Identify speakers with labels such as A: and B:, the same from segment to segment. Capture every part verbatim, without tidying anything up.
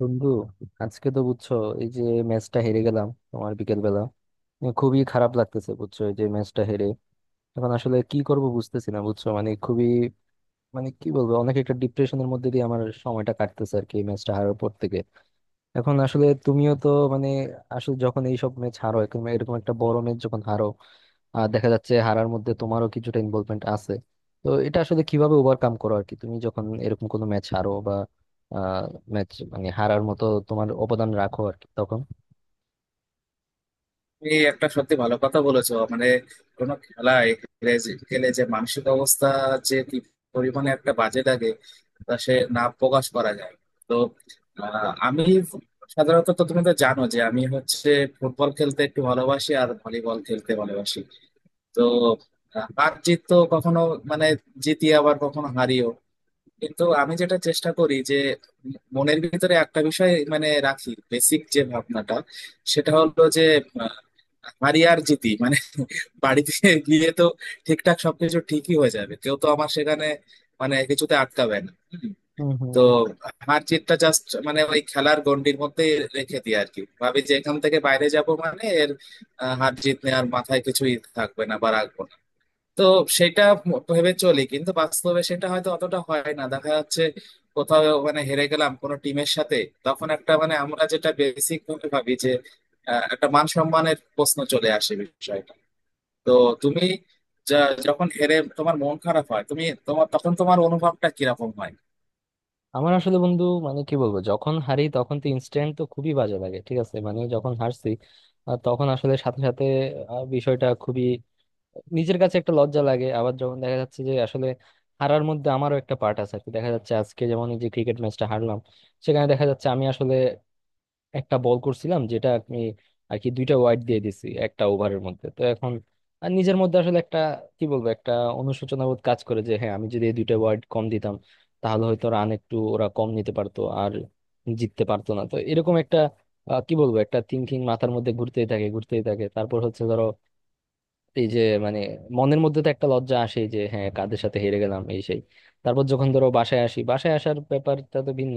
A: বন্ধু, আজকে তো বুঝছো, এই যে ম্যাচটা হেরে গেলাম তোমার বিকেল বেলা। খুবই খারাপ লাগতেছে বুঝছো, এই যে ম্যাচটা হেরে। এখন আসলে কি করব বুঝতেছি না বুঝছো, মানে খুবই, মানে কি বলবো, অনেক একটা ডিপ্রেশনের মধ্যে দিয়ে আমার সময়টা কাটতেছে আর কি, এই ম্যাচটা হারার পর থেকে। এখন আসলে তুমিও তো, মানে, আসলে যখন এইসব ম্যাচ হারো, এরকম এরকম একটা বড় ম্যাচ যখন হারো, আর দেখা যাচ্ছে হারার মধ্যে তোমারও কিছুটা ইনভলভমেন্ট আছে, তো এটা আসলে কিভাবে ওভারকাম করো আর কি, তুমি যখন এরকম কোনো ম্যাচ হারো বা ম্যাচ, মানে, হারার মতো তোমার অবদান রাখো আর কি, তখন।
B: তুমি একটা সত্যি ভালো কথা বলেছো মানে কোনো খেলায় হেরে যে- খেলে যে মানসিক অবস্থা যে কি পরিমাণে একটা বাজে লাগে তা সে না প্রকাশ করা যায়। তো আহ, আমি সাধারণত তো তুমি তো জানো যে আমি হচ্ছে ফুটবল খেলতে একটু ভালোবাসি আর ভলিবল খেলতে ভালোবাসি। তো আহ, হার জিত তো কখনো মানে জিতি আবার কখনো হারি, কিন্তু আমি যেটা চেষ্টা করি যে মনের ভিতরে একটা বিষয় মানে রাখি, বেসিক যে ভাবনাটা সেটা হলো যে আহ, হারি আর জিতি মানে বাড়িতে গিয়ে তো ঠিকঠাক সবকিছু ঠিকই হয়ে যাবে, কেউ তো আমার সেখানে মানে কিছুতে আটকাবে না। হুম।
A: হম
B: তো
A: হম।
B: হার জিতটা জাস্ট মানে ওই খেলার গণ্ডির মধ্যে রেখে দিই আর কি, ভাবি যে এখান থেকে বাইরে যাব মানে এর আহ, হার জিত নেওয়ার মাথায় কিছুই থাকবে না বা রাখবো না। তো সেটা ভেবে চলি, কিন্তু বাস্তবে সেটা হয়তো অতটা হয় না, দেখা যাচ্ছে কোথাও মানে হেরে গেলাম কোনো টিমের সাথে, তখন একটা মানে আমরা যেটা বেসিক ভাবে ভাবি যে আহ, একটা মান সম্মানের প্রশ্ন চলে আসে বিষয়টা। তো তুমি যা- যখন হেরে তোমার মন খারাপ হয় তুমি তোমার তখন তোমার অনুভবটা কিরকম হয়?
A: আমার আসলে বন্ধু, মানে কি বলবো, যখন হারি তখন তো ইনস্ট্যান্ট তো খুবই বাজে লাগে, ঠিক আছে, মানে যখন হারছি, আহ, তখন আসলে সাথে সাথে আহ, বিষয়টা খুবই নিজের কাছে একটা লজ্জা লাগে। আবার যখন দেখা যাচ্ছে যে আসলে হারার মধ্যে আমারও একটা পার্ট আছে আর কি, দেখা যাচ্ছে আজকে যেমন এই যে ক্রিকেট ম্যাচটা হারলাম, সেখানে দেখা যাচ্ছে আমি আসলে একটা বল করছিলাম, যেটা আমি আর কি দুইটা ওয়াইড দিয়ে দিছি একটা ওভারের মধ্যে। তো এখন আর নিজের মধ্যে আসলে একটা, কি বলবো, একটা অনুশোচনা বোধ কাজ করে যে হ্যাঁ, আমি যদি এই দুইটা ওয়াইড কম দিতাম তাহলে হয়তো রান একটু ওরা কম নিতে পারতো আর জিততে পারতো না। তো এরকম একটা আহ, কি বলবো, একটা থিংকিং মাথার মধ্যে ঘুরতেই থাকে ঘুরতেই থাকে। তারপর হচ্ছে, ধরো, এই যে, মানে, মনের মধ্যে তো একটা লজ্জা আসে যে হ্যাঁ, কাদের সাথে হেরে গেলাম এই সেই। তারপর যখন ধরো বাসায় আসি, বাসায় আসার ব্যাপারটা তো ভিন্ন।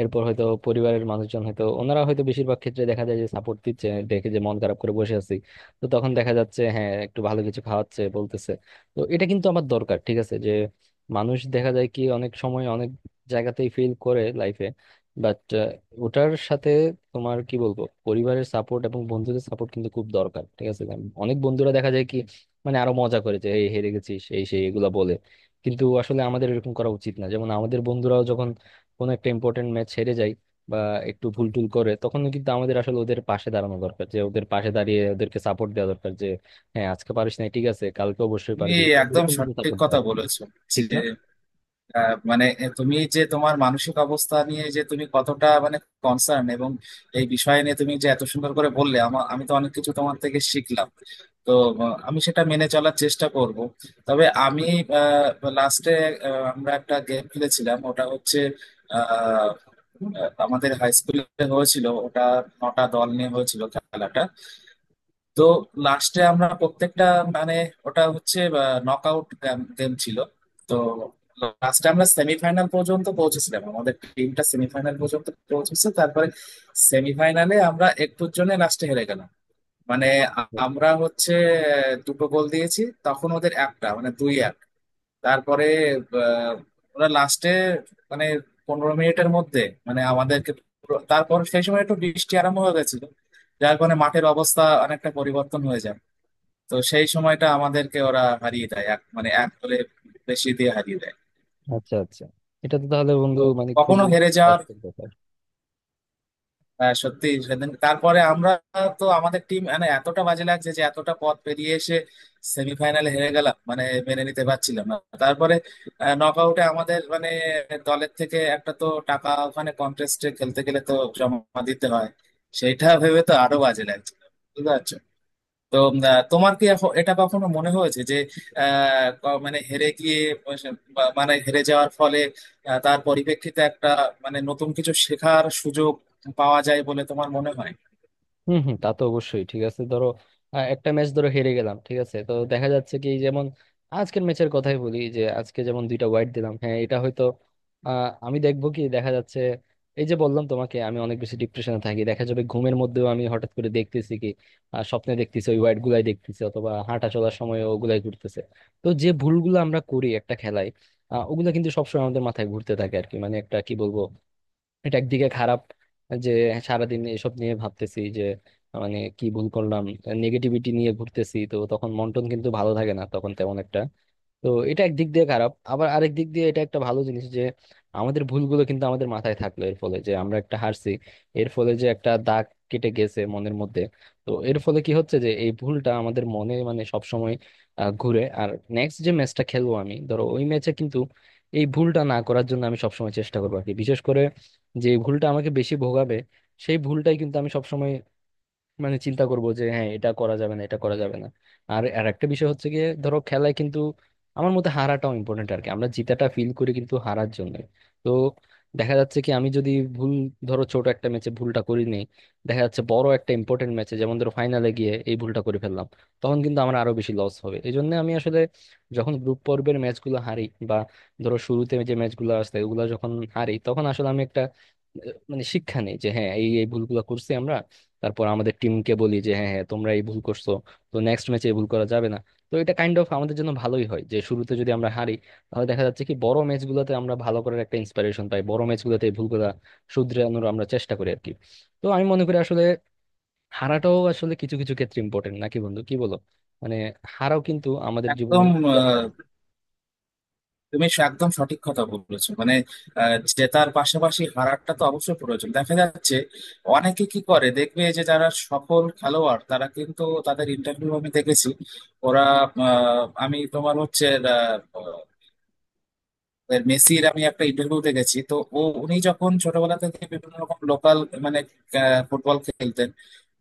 A: এরপর হয়তো পরিবারের মানুষজন, হয়তো ওনারা, হয়তো বেশিরভাগ ক্ষেত্রে দেখা যায় যে সাপোর্ট দিচ্ছে, দেখে যে মন খারাপ করে বসে আছি, তো তখন দেখা যাচ্ছে হ্যাঁ একটু ভালো কিছু খাওয়াচ্ছে, বলতেছে। তো এটা কিন্তু আমার দরকার, ঠিক আছে, যে মানুষ দেখা যায় কি অনেক সময় অনেক জায়গাতেই ফেল করে লাইফে, বাট ওটার সাথে তোমার, কি বলবো, পরিবারের সাপোর্ট এবং বন্ধুদের সাপোর্ট কিন্তু খুব দরকার, ঠিক আছে, কারণ অনেক বন্ধুরা দেখা যায় কি, মানে আরো মজা করে, যে এই হেরে গেছিস এই সেই এগুলা বলে, কিন্তু আসলে আমাদের এরকম করা উচিত না। যেমন আমাদের বন্ধুরাও যখন কোনো একটা ইম্পর্টেন্ট ম্যাচ হেরে যায় বা একটু ভুল টুল করে, তখন কিন্তু আমাদের আসলে ওদের পাশে দাঁড়ানো দরকার, যে ওদের পাশে দাঁড়িয়ে ওদেরকে সাপোর্ট দেওয়া দরকার, যে হ্যাঁ আজকে পারিস না, ঠিক আছে কালকে অবশ্যই
B: তুমি
A: পারবি, তো
B: একদম
A: এরকম কিন্তু
B: সঠিক
A: সাপোর্ট দেওয়া
B: কথা বলেছো
A: ঠিক
B: যে
A: না।
B: আহ, মানে তুমি যে তোমার মানসিক অবস্থা নিয়ে যে তুমি কতটা মানে কনসার্ন, এবং এই বিষয় নিয়ে তুমি যে এত সুন্দর করে বললে, আমার আমি তো অনেক কিছু তোমার থেকে শিখলাম। তো আহ, আমি সেটা মেনে চলার চেষ্টা করব। তবে আমি লাস্টে আমরা একটা গেম খেলেছিলাম, ওটা হচ্ছে আহ, আহ, আমাদের হাই স্কুলে হয়েছিল ওটা। নটা দল নিয়ে হয়েছিল খেলাটা। তো লাস্টে আমরা প্রত্যেকটা মানে ওটা হচ্ছে নক আউট গেম ছিল। তো লাস্টে আমরা সেমিফাইনাল পর্যন্ত পৌঁছেছিলাম, আমাদের টিমটা সেমিফাইনাল পর্যন্ত পৌঁছেছে, তারপরে সেমিফাইনালে আমরা একটুর জন্য লাস্টে হেরে গেলাম। মানে আ- আমরা হচ্ছে আহ, দুটো গোল দিয়েছি, তখন ওদের একটা, মানে দুই এক। তারপরে আহ, ওরা লাস্টে মানে পনেরো মিনিটের মধ্যে মানে আমাদেরকে পুরো- তারপর সেই সময় একটু বৃষ্টি আরম্ভ হয়ে গেছিল, যার কারণে মাঠের অবস্থা অনেকটা পরিবর্তন হয়ে যায়। তো সেই সময়টা আমাদেরকে ওরা হারিয়ে দেয় এক মানে এক গোলে বেশি দিয়ে হারিয়ে দেয়।
A: আচ্ছা আচ্ছা, এটা তো তাহলে বন্ধু,
B: তো
A: মানে,
B: কখনো
A: খুবই
B: হেরে যাওয়ার
A: কষ্টের ব্যাপার।
B: আহ, সত্যি সেদিন তারপরে আমরা তো আমাদের টিম মানে এতটা বাজে লাগছে যে এতটা পথ পেরিয়ে এসে সেমিফাইনালে হেরে গেলাম, মানে মেনে নিতে পারছিলাম না। তারপরে নক আউটে আমাদের মানে দলের থেকে একটা তো টাকা ওখানে কন্টেস্টে খেলতে গেলে তো জমা দিতে হয়, সেইটা ভেবে তো আরো বাজে লাগছে, বুঝতে পারছো? তো উম, আহ, তোমার কি এখ- এটা কখনো মনে হয়েছে যে আহ, ক- মানে হেরে গিয়ে বা- মানে হেরে যাওয়ার ফলে আহ, তার পরিপ্রেক্ষিতে একটা মানে নতুন কিছু শেখার সুযোগ পাওয়া যায় বলে তোমার মনে হয়?
A: হম হম, তা তো অবশ্যই ঠিক আছে। ধরো আহ, একটা ম্যাচ ধরো হেরে গেলাম, ঠিক আছে, তো দেখা যাচ্ছে কি, যেমন আজকের ম্যাচের কথাই বলি, যে আজকে যেমন দুইটা ওয়াইড দিলাম, হ্যাঁ, এটা হয়তো আহ, আমি দেখবো কি দেখা যাচ্ছে, এই যে বললাম তোমাকে, আমি অনেক বেশি ডিপ্রেশনে থাকি। দেখা যাবে ঘুমের মধ্যেও আমি হঠাৎ করে দেখতেছি কি আহ, স্বপ্নে দেখতেছি, ওই ওয়াইড গুলাই দেখতেছি, অথবা হাঁটা চলার সময় ওগুলাই ঘুরতেছে। তো যে ভুলগুলো আমরা করি একটা খেলায়, আহ, ওগুলো কিন্তু সবসময় আমাদের মাথায় ঘুরতে থাকে আর কি, মানে একটা, কি বলবো, এটা একদিকে খারাপ যে সারাদিন এসব নিয়ে ভাবতেছি যে, মানে কি ভুল করলাম, নেগেটিভিটি নিয়ে ঘুরতেছি, তো তখন মন টন কিন্তু ভালো থাকে না তখন তেমন একটা। তো এটা একদিক দিয়ে খারাপ, আবার আরেক দিক দিয়ে এটা একটা ভালো জিনিস যে আমাদের ভুলগুলো কিন্তু আমাদের মাথায় থাকলো, এর ফলে যে আমরা একটা হারছি, এর ফলে যে একটা দাগ কেটে গেছে মনের মধ্যে। তো এর ফলে কি হচ্ছে, যে এই ভুলটা আমাদের মনে, মানে, সবসময় আহ, ঘুরে, আর নেক্সট যে ম্যাচটা খেলবো আমি, ধরো ওই ম্যাচে কিন্তু এই ভুলটা না করার জন্য আমি সবসময় চেষ্টা করবো আর কি, বিশেষ করে যে ভুলটা আমাকে বেশি ভোগাবে, সেই ভুলটাই কিন্তু আমি সবসময়, মানে, চিন্তা করব যে হ্যাঁ এটা করা যাবে না, এটা করা যাবে না। আর আর একটা বিষয় হচ্ছে গিয়ে, ধরো খেলায় কিন্তু আমার মতে হারাটাও ইম্পর্টেন্ট আর কি, আমরা জিতাটা ফিল করি কিন্তু হারার জন্য। তো দেখা যাচ্ছে কি আমি যদি ভুল, ধরো ছোট একটা ম্যাচে ভুলটা করি নেই, দেখা যাচ্ছে বড় একটা ইম্পর্টেন্ট ম্যাচে, যেমন ধরো ফাইনালে গিয়ে এই ভুলটা করে ফেললাম, তখন কিন্তু আমার আরো বেশি লস হবে। এই জন্য আমি আসলে যখন গ্রুপ পর্বের ম্যাচগুলো হারি, বা ধরো শুরুতে যে ম্যাচগুলো আসে ওগুলো যখন হারি, তখন আসলে আমি একটা আহ, মানে শিক্ষা নেই যে হ্যাঁ, এই এই ভুলগুলো করছি আমরা। তারপর আমাদের টিমকে বলি যে হ্যাঁ হ্যাঁ তোমরা এই ভুল করছো, তো নেক্সট ম্যাচে এই ভুল করা যাবে না। তো এটা কাইন্ড অফ আমাদের জন্য ভালোই হয়, যে শুরুতে যদি আমরা হারি, তাহলে দেখা যাচ্ছে কি বড় ম্যাচগুলোতে আমরা ভালো করার একটা ইন্সপিরেশন পাই, বড় ম্যাচগুলোতে এই ভুলগুলা শুধরানোর আমরা চেষ্টা করি আর কি। তো আমি মনে করি আসলে হারাটাও আসলে কিছু কিছু ক্ষেত্রে ইম্পর্টেন্ট, নাকি বন্ধু, কি বলো? মানে হারাও কিন্তু আমাদের জীবনে
B: একদম
A: দরকারি।
B: আহ, তুমি স- একদম সঠিক কথা বলেছো। মানে আহ, জেতার পাশাপাশি হারাটা তো অবশ্যই প্রয়োজন, দেখা যাচ্ছে অনেকে কি করে দেখবে যে যারা সফল খেলোয়াড় তারা কিন্তু তাদের ইন্টারভিউ আমি দেখেছি ওরা আহ, আমি তোমার হচ্ছে এবার মেসির আমি একটা ইন্টারভিউ দেখেছি। তো ও উনি যখন ছোটবেলা থেকে বিভিন্ন রকম লোকাল মানে আহ, ফুটবল খেলতেন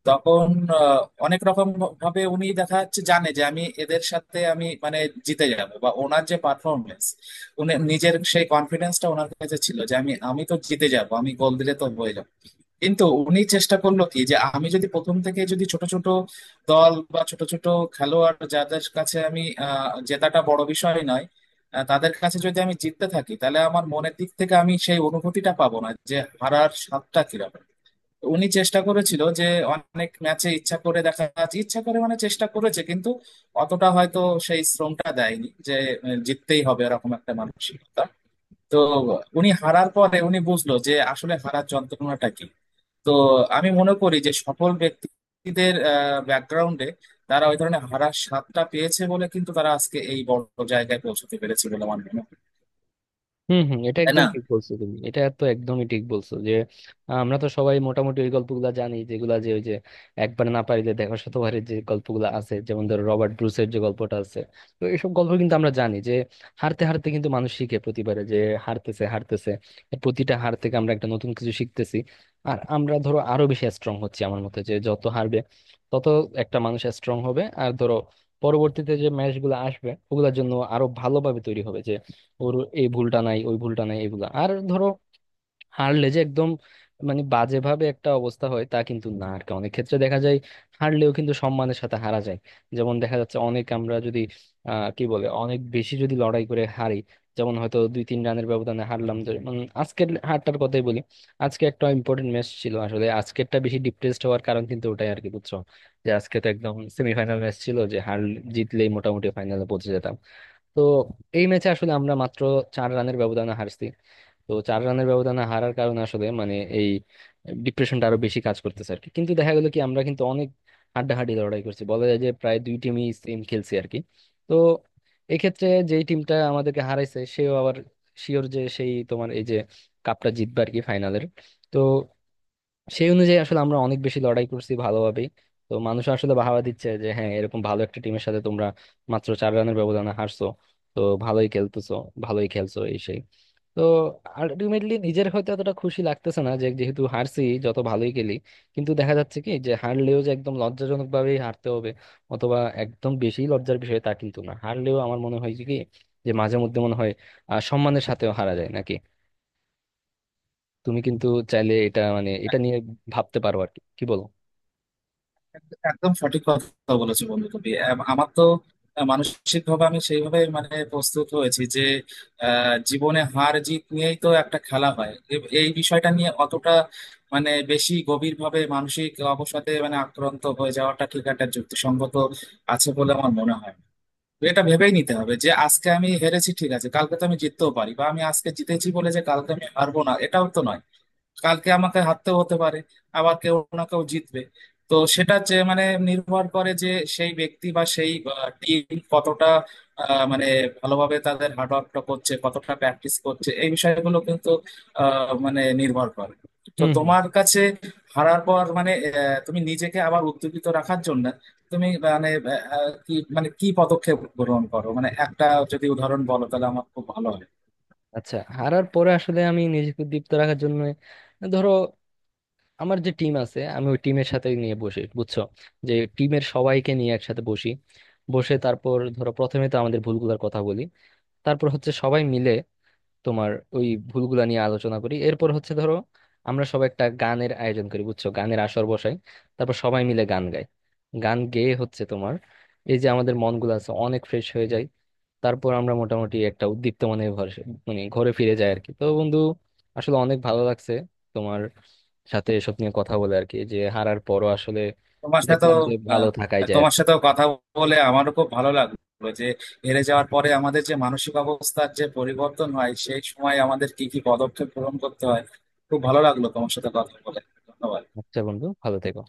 B: তখন আহ, অনেক রকম ভাবে উনি দেখা যাচ্ছে জানে যে আমি এদের সাথে আমি মানে জিতে যাব বা ওনার যে পারফরমেন্স, উনি নিজের সেই কনফিডেন্সটা ওনার কাছে ছিল যে আমি আমি তো জিতে যাব, আমি গোল দিলে তো হয়ে যাবো। কিন্তু উনি চেষ্টা করলো কি যে আমি যদি প্রথম থেকে যদি ছোট ছোট দল বা ছোট ছোট খেলোয়াড় যাদের কাছে আমি আহ, জেতাটা বড় বিষয় নয়, আহ, তাদের কাছে যদি আমি জিততে থাকি তাহলে আমার মনের দিক থেকে আমি সেই অনুভূতিটা পাবো না যে হারার স্বাদটা কিরকম। উনি চেষ্টা করেছিল যে অনেক ম্যাচে ইচ্ছা করে দেখা যাচ্ছে ইচ্ছা করে মানে চেষ্টা করেছে, কিন্তু অতটা হয়তো সেই শ্রমটা দেয়নি যে আহ, জিততেই হবে এরকম একটা মানসিকতা। তো উনি হারার পরে উনি বুঝলো যে আসলে হারার যন্ত্রণাটা কি। তো আমি মনে করি যে সফল ব্যক্তিদের ব্যাকগ্রাউন্ডে তারা ওই ধরনের হারার স্বাদটা পেয়েছে বলে কিন্তু তারা আজকে এই বড় জায়গায় পৌঁছতে পেরেছে বলে আমার মনে হয়।
A: হম হম, এটা
B: তাই
A: একদম
B: না?
A: ঠিক বলছো তুমি, এটা তো একদমই ঠিক বলছো যে আহ, আমরা তো সবাই মোটামুটি ওই গল্পগুলা জানি, যেগুলা যে ওই যে একবার না পারিলে দেখো শতবারের যে গল্পগুলা আছে, যেমন ধরো রবার্ট ব্রুসের যে গল্পটা আছে। তো এইসব গল্প কিন্তু আমরা জানি, যে হারতে হারতে কিন্তু মানুষ শিখে, প্রতিবারে যে হারতেছে হারতেছে, প্রতিটা হার থেকে আমরা একটা নতুন কিছু শিখতেছি, আর আমরা ধরো আরো বেশি স্ট্রং হচ্ছি। আমার মতে যে যত হারবে তত একটা মানুষ স্ট্রং হবে, আর ধরো পরবর্তীতে যে ম্যাচ গুলো আসবে ওগুলোর জন্য আরো ভালোভাবে তৈরি হবে। ওর এই ভুলটা নাই, ওই ভুলটা নাই, এইগুলা। আর ধরো হারলে যে একদম, মানে, বাজেভাবে একটা অবস্থা হয় তা কিন্তু না আর কি। অনেক ক্ষেত্রে দেখা যায় হারলেও কিন্তু সম্মানের সাথে হারা যায়, যেমন দেখা যাচ্ছে অনেক, আমরা যদি আহ কি বলে, অনেক বেশি যদি লড়াই করে হারি, যেমন হয়তো দুই তিন রানের ব্যবধানে হারলাম যে- মানে আজকের হারটার কথাই বলি। আজকে একটা ইম্পর্টেন্ট ম্যাচ ছিল আসলে, আজকেরটা বেশি ডিপ্রেসড হওয়ার কারণ কিন্তু ওটাই আর কি, বুঝছো, যে আজকে তো একদম সেমিফাইনাল ম্যাচ ছিল, যে হার জিতলেই মোটামুটি ফাইনালে পৌঁছে যেতাম। তো এই ম্যাচে আসলে আমরা মাত্র চার রানের ব্যবধানে হারছি। তো চার রানের ব্যবধানে হারার কারণে আসলে, মানে, এই ডিপ্রেশনটা আরো বেশি কাজ করতেছে আর কি, কিন্তু দেখা গেল কি আমরা কিন্তু অনেক হাড্ডাহাড্ডি লড়াই করছি, বলা যায় যে প্রায় দুই টিমই সেম খেলছি আর কি। তো এক্ষেত্রে যেই টিমটা আমাদেরকে হারাইছে সেও আবার শিওর যে সেই, তোমার এই যে, কাপটা জিতবে আর কি, ফাইনালের। তো সেই অনুযায়ী আসলে আমরা অনেক বেশি লড়াই করছি ভালোভাবেই। তো মানুষ আসলে বাহাবা দিচ্ছে, যে হ্যাঁ এরকম ভালো একটা টিমের সাথে তোমরা মাত্র চার রানের ব্যবধানে হারছো, তো ভালোই খেলতেছো, ভালোই খেলছো এই সেই। তো আলটিমেটলি নিজের হয়তো এতটা খুশি লাগতেছে না, যে যেহেতু হারছি যত ভালোই খেলি, কিন্তু দেখা যাচ্ছে কি, যে হারলেও যে একদম লজ্জাজনক ভাবেই হারতে হবে অথবা একদম বেশি লজ্জার বিষয় তা কিন্তু না। হারলেও আমার মনে হয় যে কি, যে মাঝে মধ্যে মনে হয় আহ সম্মানের সাথেও হারা যায় নাকি। তুমি কিন্তু চাইলে এটা, মানে, এটা নিয়ে ভাবতে পারো আর কি, কি বলো?
B: একদম সঠিক কথা বলেছো বন্ধু তুমি। আম- আমার তো মানসিক ভাবে আমি সেইভাবে মানে প্রস্তুত হয়েছি যে আহ, জীবনে হার জিত নিয়েই তো একটা খেলা হয়। এ- এই বিষয়টা নিয়ে অতটা মানে বেশি গভীর ভাবে মানসিক অবসাদে মানে আক্রান্ত হয়ে যাওয়াটা ঠিক একটা যুক্তিসঙ্গত আছে বলে আমার মনে হয় না। তো এটা ভেবেই নিতে হবে যে আজকে আমি হেরেছি, ঠিক আছে, কালকে তো আমি জিততেও পারি, বা আমি আজকে জিতেছি বলে যে কালকে আমি হারবো না এটাও তো নয়, কালকে আমাকে হারতেও হতে পারে, আবার কেউ না কেউ জিতবে। তো সেটা যে মানে নির্ভর করে যে সেই ব্যক্তি বা সেই টিম কতটা আহ, মানে ভালোভাবে তাদের হার্ডওয়ার্কটা করছে, কতটা প্র্যাকটিস করছে, এই বিষয়গুলো কিন্তু আহ, মানে নির্ভর করে। তো
A: হুম হুম।
B: তোমার কাছে হারার পর মানে আহ, তুমি নিজেকে আবার উদ্যোগিত রাখার জন্য তুমি মানে আহ, কি মানে কি পদক্ষেপ গ্রহণ করো, মানে একটা যদি উদাহরণ বলো তাহলে আমার খুব ভালো হয়।
A: আচ্ছা, হারার পরে আসলে আমি নিজেকে দীপ্ত রাখার জন্য ধরো আমার যে টিম আছে, আমি ওই টিমের সাথে নিয়ে বসি বুঝছো, যে টিমের সবাইকে নিয়ে একসাথে বসি। বসে তারপর ধরো প্রথমে তো আমাদের ভুলগুলোর কথা বলি, তারপর হচ্ছে সবাই মিলে তোমার ওই ভুলগুলা নিয়ে আলোচনা করি। এরপর হচ্ছে ধরো আমরা সবাই একটা গানের আয়োজন করি বুঝছো, গানের আসর বসাই। তারপর সবাই মিলে গান গাই, গান গেয়ে হচ্ছে তোমার এই যে আমাদের মনগুলো আছে অনেক ফ্রেশ হয়ে যায়। তারপর আমরা মোটামুটি একটা উদ্দীপ্তমানের ঘরে, মানে ঘরে ফিরে যাই আর কি। তো বন্ধু, আসলে অনেক ভালো লাগছে তোমার সাথে এসব নিয়ে কথা বলে আর কি, যে হারার পরও আসলে
B: তোমার
A: দেখলাম
B: সাথেও
A: যে ভালো
B: আহ,
A: থাকাই যায় আর
B: তোমার
A: কি।
B: সাথেও কথা বলে আমারও খুব ভালো লাগলো যে হেরে যাওয়ার পরে আমাদের যে মানসিক অবস্থার যে পরিবর্তন হয় সেই সময় আমাদের কি কি পদক্ষেপ গ্রহণ করতে হয়। খুব ভালো লাগলো তোমার সাথে কথা বলে। ধন্যবাদ।
A: আচ্ছা বন্ধু, ভালো থেকো।